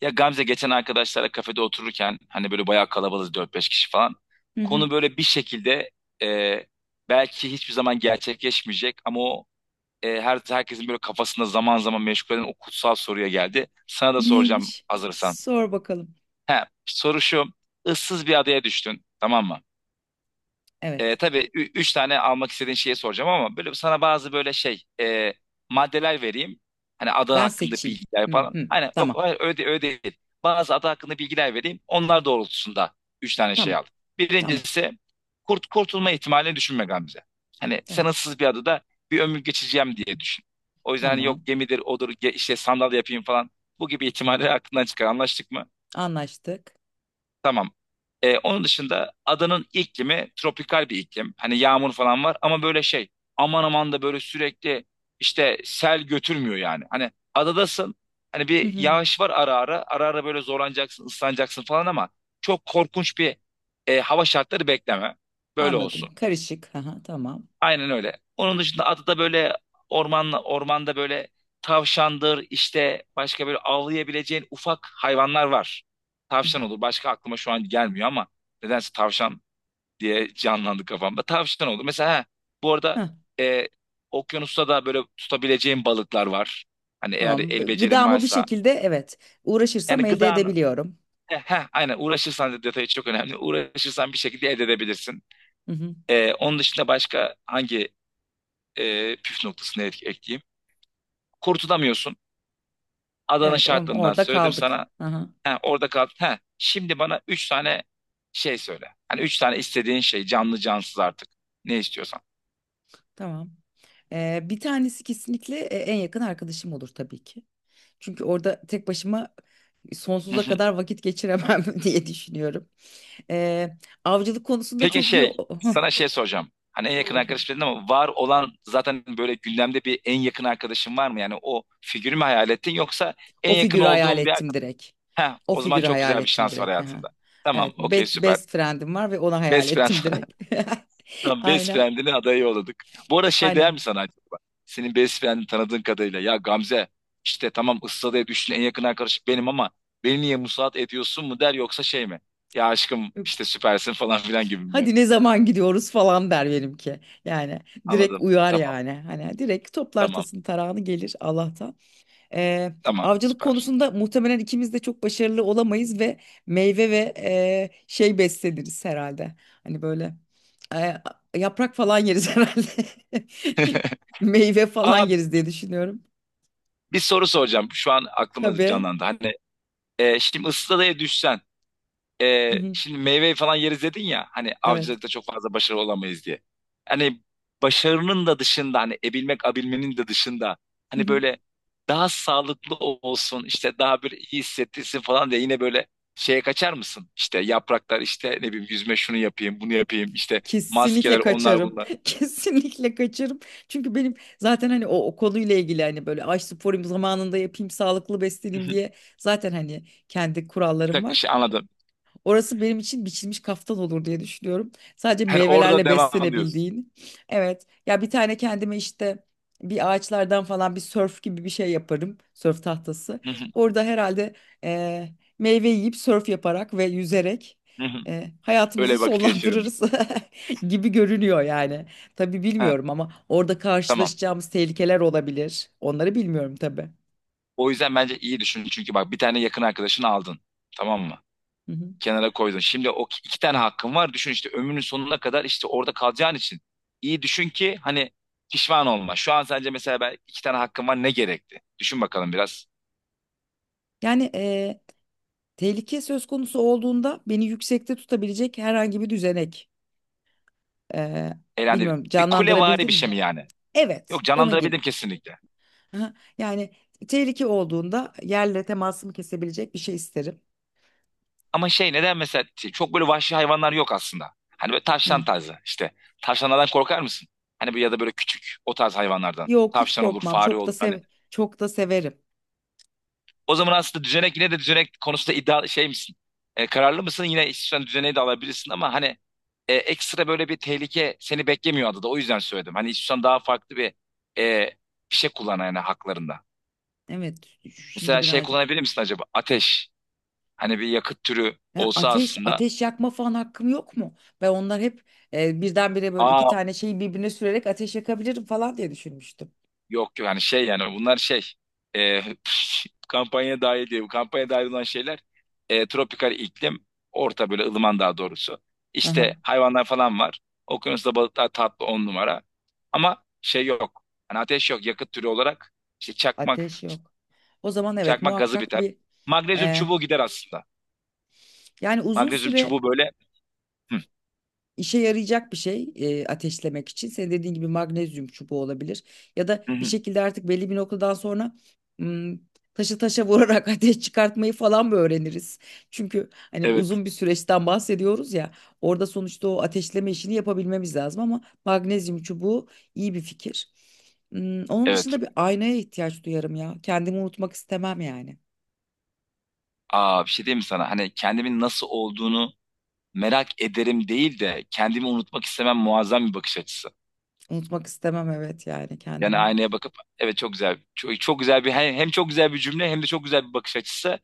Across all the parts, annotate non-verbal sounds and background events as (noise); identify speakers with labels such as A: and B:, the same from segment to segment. A: Ya Gamze geçen arkadaşlarla kafede otururken hani böyle bayağı kalabalığız dört beş kişi falan.
B: Hı hı.
A: Konu böyle bir şekilde e, belki hiçbir zaman gerçekleşmeyecek ama o herkesin böyle kafasında zaman zaman meşgul eden o kutsal soruya geldi. Sana da soracağım
B: Neymiş?
A: hazırsan.
B: Sor bakalım.
A: He, soru şu. Issız bir adaya düştün, tamam mı?
B: Evet.
A: Tabii üç tane almak istediğin şeyi soracağım ama böyle sana bazı böyle şey maddeler vereyim. Hani adı
B: Ben
A: hakkında
B: seçeyim.
A: bilgiler
B: Hı
A: falan.
B: hı.
A: Hani yok,
B: Tamam.
A: hayır, öyle, öyle değil. Bazı adı hakkında bilgiler vereyim. Onlar doğrultusunda üç tane şey
B: Tamam.
A: al.
B: Tamam.
A: Birincisi, kurtulma ihtimalini düşünme Gamze. Hani sen
B: Tamam.
A: ıssız bir adada bir ömür geçireceğim diye düşün. O yüzden hani yok
B: Tamam.
A: gemidir odur işte sandal yapayım falan. Bu gibi ihtimalleri aklından çıkar. Anlaştık mı?
B: Anlaştık.
A: Tamam. Onun dışında adanın iklimi tropikal bir iklim. Hani yağmur falan var ama böyle şey, aman aman da böyle sürekli işte sel götürmüyor yani. Hani adadasın, hani
B: Hı
A: bir
B: hı.
A: yağış var, ara ara böyle zorlanacaksın, ıslanacaksın falan ama çok korkunç bir hava şartları bekleme. Böyle
B: Anladım.
A: olsun.
B: Karışık. Aha, tamam.
A: Aynen öyle. Onun dışında adı da böyle ormanda böyle tavşandır, işte başka böyle avlayabileceğin ufak hayvanlar var.
B: Hı hı.
A: Tavşan olur. Başka aklıma şu an gelmiyor ama nedense tavşan diye canlandı kafamda. Tavşan olur. Mesela ha, bu arada
B: Hah,
A: e, okyanusta da böyle tutabileceğin balıklar var. Hani eğer
B: tamam.
A: el becerin
B: Gıdamı bir
A: varsa.
B: şekilde, evet,
A: Yani
B: uğraşırsam elde
A: gıdanı,
B: edebiliyorum.
A: aynen, uğraşırsan detayı çok önemli. Uğraşırsan bir şekilde elde edebilirsin.
B: Hı hı.
A: Onun dışında başka hangi püf noktasını ekleyeyim? Kurtulamıyorsun. Adanın
B: Evet,
A: şartlarından
B: orada
A: söyledim
B: kaldık.
A: sana.
B: Hı hı,
A: He, orada kaldın. He, şimdi bana üç tane şey söyle. Hani üç tane istediğin şey, canlı cansız artık. Ne istiyorsan.
B: tamam. Bir tanesi kesinlikle, en yakın arkadaşım olur tabii ki. Çünkü orada tek başıma,
A: Hı
B: sonsuza
A: hı.
B: kadar vakit geçiremem (laughs) diye düşünüyorum. Ee, Avcılık konusunda
A: Peki
B: çok iyi.
A: şey, sana
B: (laughs)
A: şey soracağım. Hani en
B: Sor
A: yakın
B: bakalım.
A: arkadaş dedin ama var olan zaten, böyle gündemde bir en yakın arkadaşın var mı? Yani o figürü mü hayal ettin yoksa en
B: O
A: yakın
B: figürü hayal
A: olduğun bir
B: ettim
A: arkadaş?
B: direkt.
A: Heh,
B: O
A: o zaman
B: figürü
A: çok
B: hayal
A: güzel bir
B: ettim
A: şans var
B: direkt. Aha.
A: hayatında. Tamam,
B: Evet,
A: okey, süper.
B: best friend'im var ve onu hayal
A: Best
B: ettim
A: friend
B: direkt. (laughs)
A: Tam best
B: Aynen,
A: friend'ini adayı yolladık. Bu arada şey, değer
B: aynen.
A: mi sana acaba? Senin best friend'ini tanıdığın kadarıyla. Ya Gamze, işte tamam, ıssadaya düştün, en yakın arkadaşım benim ama beni niye musallat ediyorsun mu der yoksa şey mi? Ya aşkım işte
B: Yok.
A: süpersin falan filan gibi mi der?
B: Hadi ne zaman gidiyoruz falan, der benimki. Yani direkt
A: Anladım.
B: uyar
A: Tamam,
B: yani. Hani direkt toplar
A: tamam,
B: tasın tarağını, gelir Allah'tan. Eee,
A: tamam,
B: Avcılık
A: süper.
B: konusunda muhtemelen ikimiz de çok başarılı olamayız ve meyve ve şey besleniriz herhalde. Hani böyle, eee, yaprak falan yeriz (laughs) herhalde. Meyve falan
A: Aa,
B: yeriz diye düşünüyorum.
A: bir soru soracağım. Şu an aklıma
B: Tabii.
A: canlandı. Hani şimdi ıssadaya düşsen,
B: Hı hı,
A: şimdi meyve falan yeriz dedin ya, hani
B: evet.
A: avcılıkta çok fazla başarılı olamayız diye. Hani başarının da dışında, hani abilmenin de dışında,
B: Hı
A: hani
B: hı.
A: böyle daha sağlıklı olsun işte, daha böyle iyi hissettirsin falan diye yine böyle şeye kaçar mısın? İşte yapraklar, işte ne bileyim, yüzme, şunu yapayım bunu yapayım, işte maskeler,
B: Kesinlikle
A: onlar
B: kaçarım.
A: bunlar.
B: (laughs) Kesinlikle kaçarım. Çünkü benim zaten hani o, o konuyla ilgili hani böyle ay sporayım zamanında yapayım sağlıklı
A: (laughs) Hı
B: besleneyim
A: hı.
B: diye zaten hani kendi
A: Bir
B: kurallarım
A: dakika,
B: var.
A: şey anladım.
B: Orası benim için biçilmiş kaftan olur diye düşünüyorum. Sadece
A: Hani orada
B: meyvelerle
A: devam diyorsun.
B: beslenebildiğin. Evet. Ya bir tane kendime işte bir ağaçlardan falan bir sörf gibi bir şey yaparım. Sörf tahtası.
A: Hı hı,
B: Orada herhalde, e, meyve yiyip sörf yaparak ve yüzerek,
A: hı hı.
B: hayatımızı
A: Öyle vakit geçiririm.
B: sonlandırırız (laughs) gibi görünüyor yani. Tabii
A: Ha,
B: bilmiyorum ama orada
A: tamam.
B: karşılaşacağımız tehlikeler olabilir. Onları bilmiyorum tabii.
A: O yüzden bence iyi düşün. Çünkü bak, bir tane yakın arkadaşını aldın. Tamam mı?
B: Hı hı.
A: Kenara koydun. Şimdi o iki tane hakkın var. Düşün, işte ömrünün sonuna kadar işte orada kalacağın için. İyi düşün ki hani pişman olma. Şu an sence mesela ben iki tane hakkım var, ne gerekti? Düşün bakalım biraz.
B: Yani tehlike söz konusu olduğunda beni yüksekte tutabilecek herhangi bir düzenek. Ee,
A: Eğlendi.
B: Bilmiyorum,
A: Bir kulevari
B: canlandırabildin
A: bir şey mi
B: mi?
A: yani?
B: Evet,
A: Yok,
B: onun gibi.
A: canlandırabildim kesinlikle.
B: Aha. Yani tehlike olduğunda yerle temasımı kesebilecek bir şey isterim.
A: Ama şey, neden mesela şey, çok böyle vahşi hayvanlar yok aslında. Hani böyle tavşan
B: Hı.
A: tarzı işte. Tavşanlardan korkar mısın? Hani böyle ya da böyle küçük o tarz hayvanlardan.
B: Yok, hiç
A: Tavşan olur,
B: korkmam.
A: fare olur. Hani
B: Çok da severim.
A: o zaman aslında düzenek, yine de düzenek konusunda iddia şey misin? Kararlı mısın? Yine istiyorsan düzeneği de alabilirsin ama hani ekstra böyle bir tehlike seni beklemiyor adada. O yüzden söyledim. Hani istiyorsan daha farklı bir e, bir şey kullan yani haklarında.
B: Evet, şimdi
A: Mesela şey
B: birazcık.
A: kullanabilir misin acaba? Ateş. Hani bir yakıt türü
B: Ha,
A: olsa
B: ateş
A: aslında.
B: ateş yakma falan hakkım yok mu? Ben onlar hep, birdenbire böyle iki
A: Aa,
B: tane şeyi birbirine sürerek ateş yakabilirim falan diye düşünmüştüm.
A: yok yani, şey yani bunlar şey, e, (laughs) kampanya dahil diye. Bu kampanya dahil olan şeyler, tropikal iklim, orta böyle ılıman daha doğrusu.
B: Aha,
A: İşte hayvanlar falan var. Okyanusta balıklar tatlı on numara. Ama şey yok. Hani ateş yok, yakıt türü olarak. İşte çakmak
B: ateş yok. O zaman evet,
A: çakmak gazı
B: muhakkak
A: biter.
B: bir,
A: Magnezyum
B: eh,
A: çubuğu gider aslında.
B: yani uzun
A: Magnezyum
B: süre
A: çubuğu böyle. Hı,
B: işe yarayacak bir şey, ateşlemek için. Senin dediğin gibi magnezyum çubuğu olabilir. Ya da
A: hı,
B: bir
A: hı.
B: şekilde artık belli bir noktadan sonra, hmm, taşı taşa vurarak (laughs) ateş çıkartmayı falan mı öğreniriz? Çünkü hani
A: Evet,
B: uzun bir süreçten bahsediyoruz ya. Orada sonuçta o ateşleme işini yapabilmemiz lazım ama magnezyum çubuğu iyi bir fikir. Onun
A: evet.
B: dışında bir aynaya ihtiyaç duyarım ya. Kendimi unutmak istemem yani.
A: Aa, bir şey diyeyim mi sana? Hani kendimin nasıl olduğunu merak ederim değil de, kendimi unutmak istemem muazzam bir bakış açısı.
B: Unutmak istemem, evet, yani
A: Yani
B: kendimi.
A: aynaya bakıp evet, çok güzel, çok, çok güzel bir hem çok güzel bir cümle, hem de çok güzel bir bakış açısı,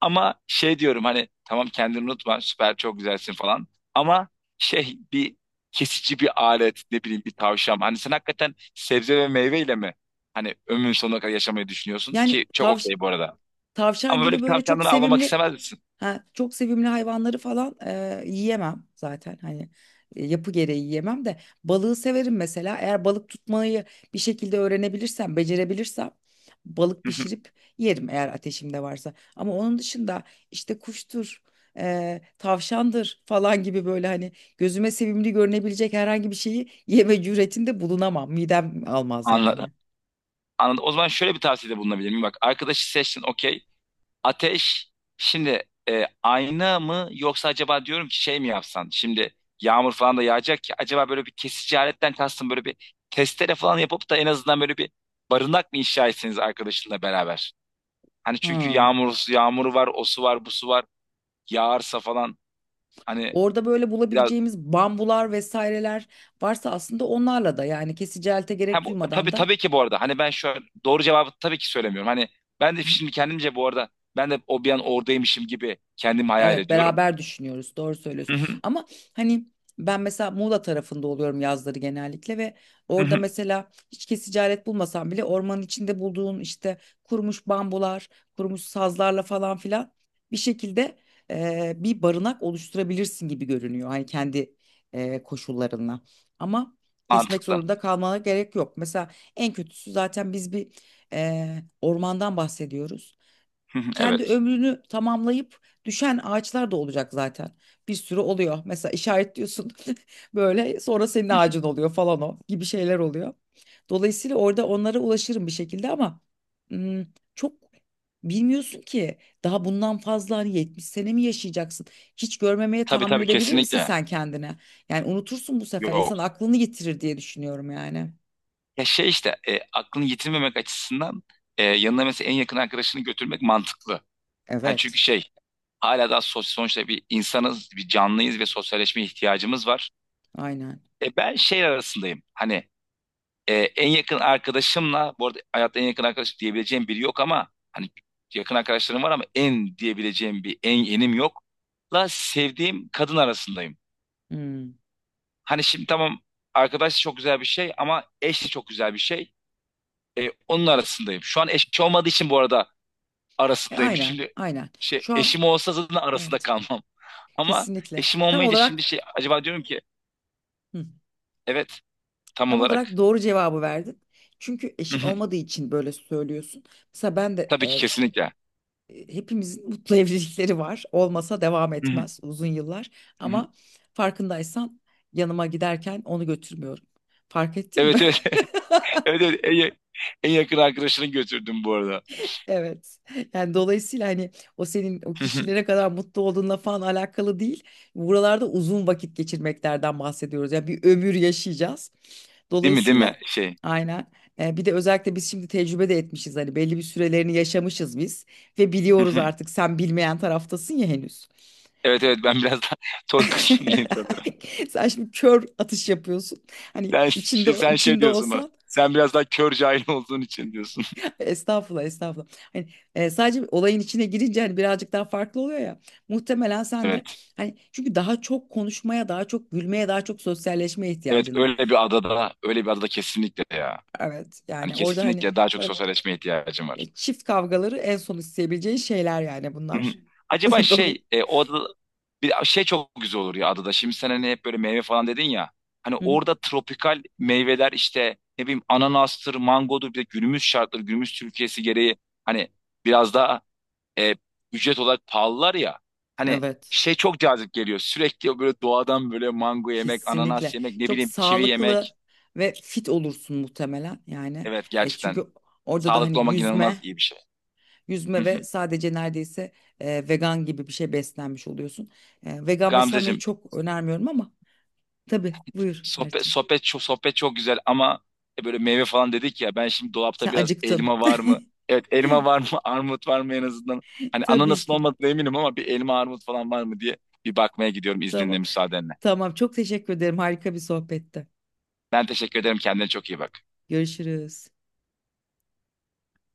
A: ama şey diyorum, hani tamam kendini unutma, süper, çok güzelsin falan, ama şey, bir kesici bir alet, ne bileyim bir tavşan, hani sen hakikaten sebze ve meyveyle mi hani ömrün sonuna kadar yaşamayı düşünüyorsun
B: Yani
A: ki çok
B: tavş
A: okey bu arada,
B: Tavşan
A: ama böyle
B: gibi
A: bir
B: böyle çok
A: tavşandan avlamak
B: sevimli,
A: istemez misin?
B: ha, çok sevimli hayvanları falan, yiyemem zaten hani, yapı gereği yiyemem de balığı severim mesela. Eğer balık tutmayı bir şekilde öğrenebilirsem, becerebilirsem, balık
A: (laughs)
B: pişirip yerim eğer ateşimde varsa, ama onun dışında işte kuştur, tavşandır falan gibi, böyle hani gözüme sevimli görünebilecek herhangi bir şeyi yeme cüretinde bulunamam, midem almaz
A: Anladım.
B: yani.
A: Anladım. O zaman şöyle bir tavsiyede bulunabilir miyim? Bak, arkadaşı seçtin okey. Ateş, şimdi ayna mı, yoksa acaba diyorum ki şey mi yapsan, şimdi yağmur falan da yağacak ki, acaba böyle bir kesici aletten kastım böyle bir testere falan yapıp da en azından böyle bir barınak mı inşa etseniz arkadaşınla beraber? Hani çünkü
B: Ha.
A: yağmuru var, o su var, bu su var. Yağarsa falan, hani
B: Orada böyle
A: biraz
B: bulabileceğimiz bambular vesaireler varsa aslında onlarla da, yani kesici elte gerek duymadan
A: tabii
B: da.
A: tabii ki bu arada, hani ben şu an doğru cevabı tabii ki söylemiyorum. Hani ben de şimdi kendimce, bu arada ben de o bir an oradaymışım gibi kendimi hayal
B: Evet,
A: ediyorum.
B: beraber düşünüyoruz, doğru söylüyorsun
A: Hı hı,
B: ama hani ben mesela Muğla tarafında oluyorum yazları genellikle ve
A: hı
B: orada
A: hı.
B: mesela hiç kesici alet bulmasam bile ormanın içinde bulduğun işte kurumuş bambular, kurumuş sazlarla falan filan bir şekilde, bir barınak oluşturabilirsin gibi görünüyor hani kendi, koşullarınla, ama kesmek
A: Mantıklı.
B: zorunda kalmana gerek yok mesela. En kötüsü zaten biz bir, ormandan bahsediyoruz,
A: Hı hı.
B: kendi
A: Evet.
B: ömrünü tamamlayıp düşen ağaçlar da olacak zaten. Bir sürü oluyor. Mesela işaretliyorsun (laughs) böyle, sonra senin ağacın oluyor falan, o gibi şeyler oluyor. Dolayısıyla orada onlara ulaşırım bir şekilde ama, hmm, çok bilmiyorsun ki. Daha bundan fazla, hani, 70 sene mi yaşayacaksın? Hiç görmemeye
A: Tabii
B: tahammül
A: tabii,
B: edebilir misin
A: kesinlikle.
B: sen kendine? Yani unutursun, bu sefer
A: Yok.
B: insan aklını yitirir diye düşünüyorum yani.
A: Ya şey, işte aklını yitirmemek açısından yanına mesela en yakın arkadaşını götürmek mantıklı. Hani çünkü
B: Evet,
A: şey, hala daha sosyal, sonuçta bir insanız, bir canlıyız ve sosyalleşme ihtiyacımız var.
B: aynen.
A: Ben şey arasındayım. Hani en yakın arkadaşımla, bu arada hayatta en yakın arkadaş diyebileceğim biri yok ama hani yakın arkadaşlarım var, ama en diyebileceğim bir en yenim yok. La sevdiğim kadın arasındayım.
B: Hmm.
A: Hani şimdi tamam, arkadaş çok güzel bir şey ama eş de çok güzel bir şey. Onun arasındayım. Şu an eşim olmadığı için, bu arada, arasındayım.
B: Aynen,
A: Şimdi
B: aynen.
A: şey,
B: Şu an
A: eşim olsa zaten arasında
B: evet.
A: kalmam. Ama
B: Kesinlikle.
A: eşim
B: Tam
A: olmayınca
B: olarak,
A: şimdi şey acaba diyorum ki,
B: hı,
A: evet, tam
B: tam olarak
A: olarak.
B: doğru cevabı verdin. Çünkü
A: Hı
B: eşin
A: hı.
B: olmadığı için böyle söylüyorsun. Mesela ben de,
A: Tabii ki, kesinlikle.
B: hepimizin (laughs) mutlu evlilikleri var. Olmasa devam
A: Hı hı,
B: etmez uzun yıllar.
A: hı hı.
B: Ama farkındaysan, yanıma giderken onu götürmüyorum. Fark ettin mi?
A: Evet, evet,
B: (laughs)
A: (laughs) evet, evet. En yakın arkadaşını götürdüm bu arada.
B: Evet. Yani dolayısıyla hani o, senin o
A: Hı hı.
B: kişilere kadar mutlu olduğunla falan alakalı değil. Buralarda uzun vakit geçirmeklerden bahsediyoruz. Ya bir ömür yaşayacağız.
A: Değil mi, değil mi
B: Dolayısıyla
A: şey.
B: aynen. Bir de özellikle biz şimdi tecrübe de etmişiz. Hani belli bir sürelerini yaşamışız biz ve
A: Hı
B: biliyoruz
A: hı.
B: artık, sen bilmeyen taraftasın ya henüz.
A: Evet, evet,
B: Hani
A: ben biraz daha (laughs) toy
B: (laughs)
A: kısmındayım sanırım.
B: sen şimdi kör atış yapıyorsun. Hani
A: Sen,
B: içinde
A: şey- sen şey
B: içinde
A: diyorsun bana.
B: olsan.
A: Sen biraz daha kör cahil olduğun için diyorsun. (laughs)
B: Estağfurullah, estağfurullah. Hani, sadece olayın içine girince hani birazcık daha farklı oluyor ya. Muhtemelen sen de,
A: Evet.
B: hani, çünkü daha çok konuşmaya, daha çok gülmeye, daha çok sosyalleşmeye
A: Evet,
B: ihtiyacın var.
A: öyle bir adada, öyle bir adada kesinlikle ya.
B: Evet,
A: Hani
B: yani orada hani
A: kesinlikle daha çok
B: bırak,
A: sosyalleşmeye ihtiyacım var.
B: çift kavgaları en son isteyebileceğin şeyler, yani
A: Hı hı.
B: bunlar.
A: Acaba
B: (laughs) Dolayı.
A: şey, o adada bir şey çok güzel olur ya adada. Şimdi sen hani hep böyle meyve falan dedin ya. Hani
B: Hı hı.
A: orada tropikal meyveler, işte ne bileyim, ananastır, mangodur, bir de günümüz şartları, günümüz Türkiye'si gereği hani biraz daha e, ücret olarak pahalılar ya. Hani
B: Evet,
A: şey çok cazip geliyor. Sürekli böyle doğadan böyle mango yemek, ananas
B: kesinlikle.
A: yemek, ne
B: Çok
A: bileyim kivi
B: sağlıklı
A: yemek.
B: ve fit olursun muhtemelen yani.
A: Evet, gerçekten
B: Çünkü orada da
A: sağlıklı
B: hani
A: olmak inanılmaz
B: yüzme
A: iyi bir şey. Hı
B: yüzme
A: hı.
B: ve sadece neredeyse, vegan gibi bir şey beslenmiş oluyorsun. Vegan beslenmeyi
A: Gamzeciğim,
B: çok önermiyorum ama tabii, buyur
A: Sohbet
B: Erçim.
A: sohbet çok sohbet çok güzel ama böyle meyve falan dedik ya, ben şimdi dolapta
B: Sen
A: biraz
B: acıktın.
A: elma var mı?
B: (laughs)
A: Evet, elma var mı? (laughs) Armut var mı en azından? Hani
B: Tabii
A: ananasın
B: ki.
A: olmadığına eminim ama bir elma armut falan var mı diye bir bakmaya gidiyorum, izninle,
B: Tamam.
A: müsaadenle.
B: Tamam. Çok teşekkür ederim. Harika bir sohbette.
A: Ben teşekkür ederim, kendine çok iyi bak.
B: Görüşürüz.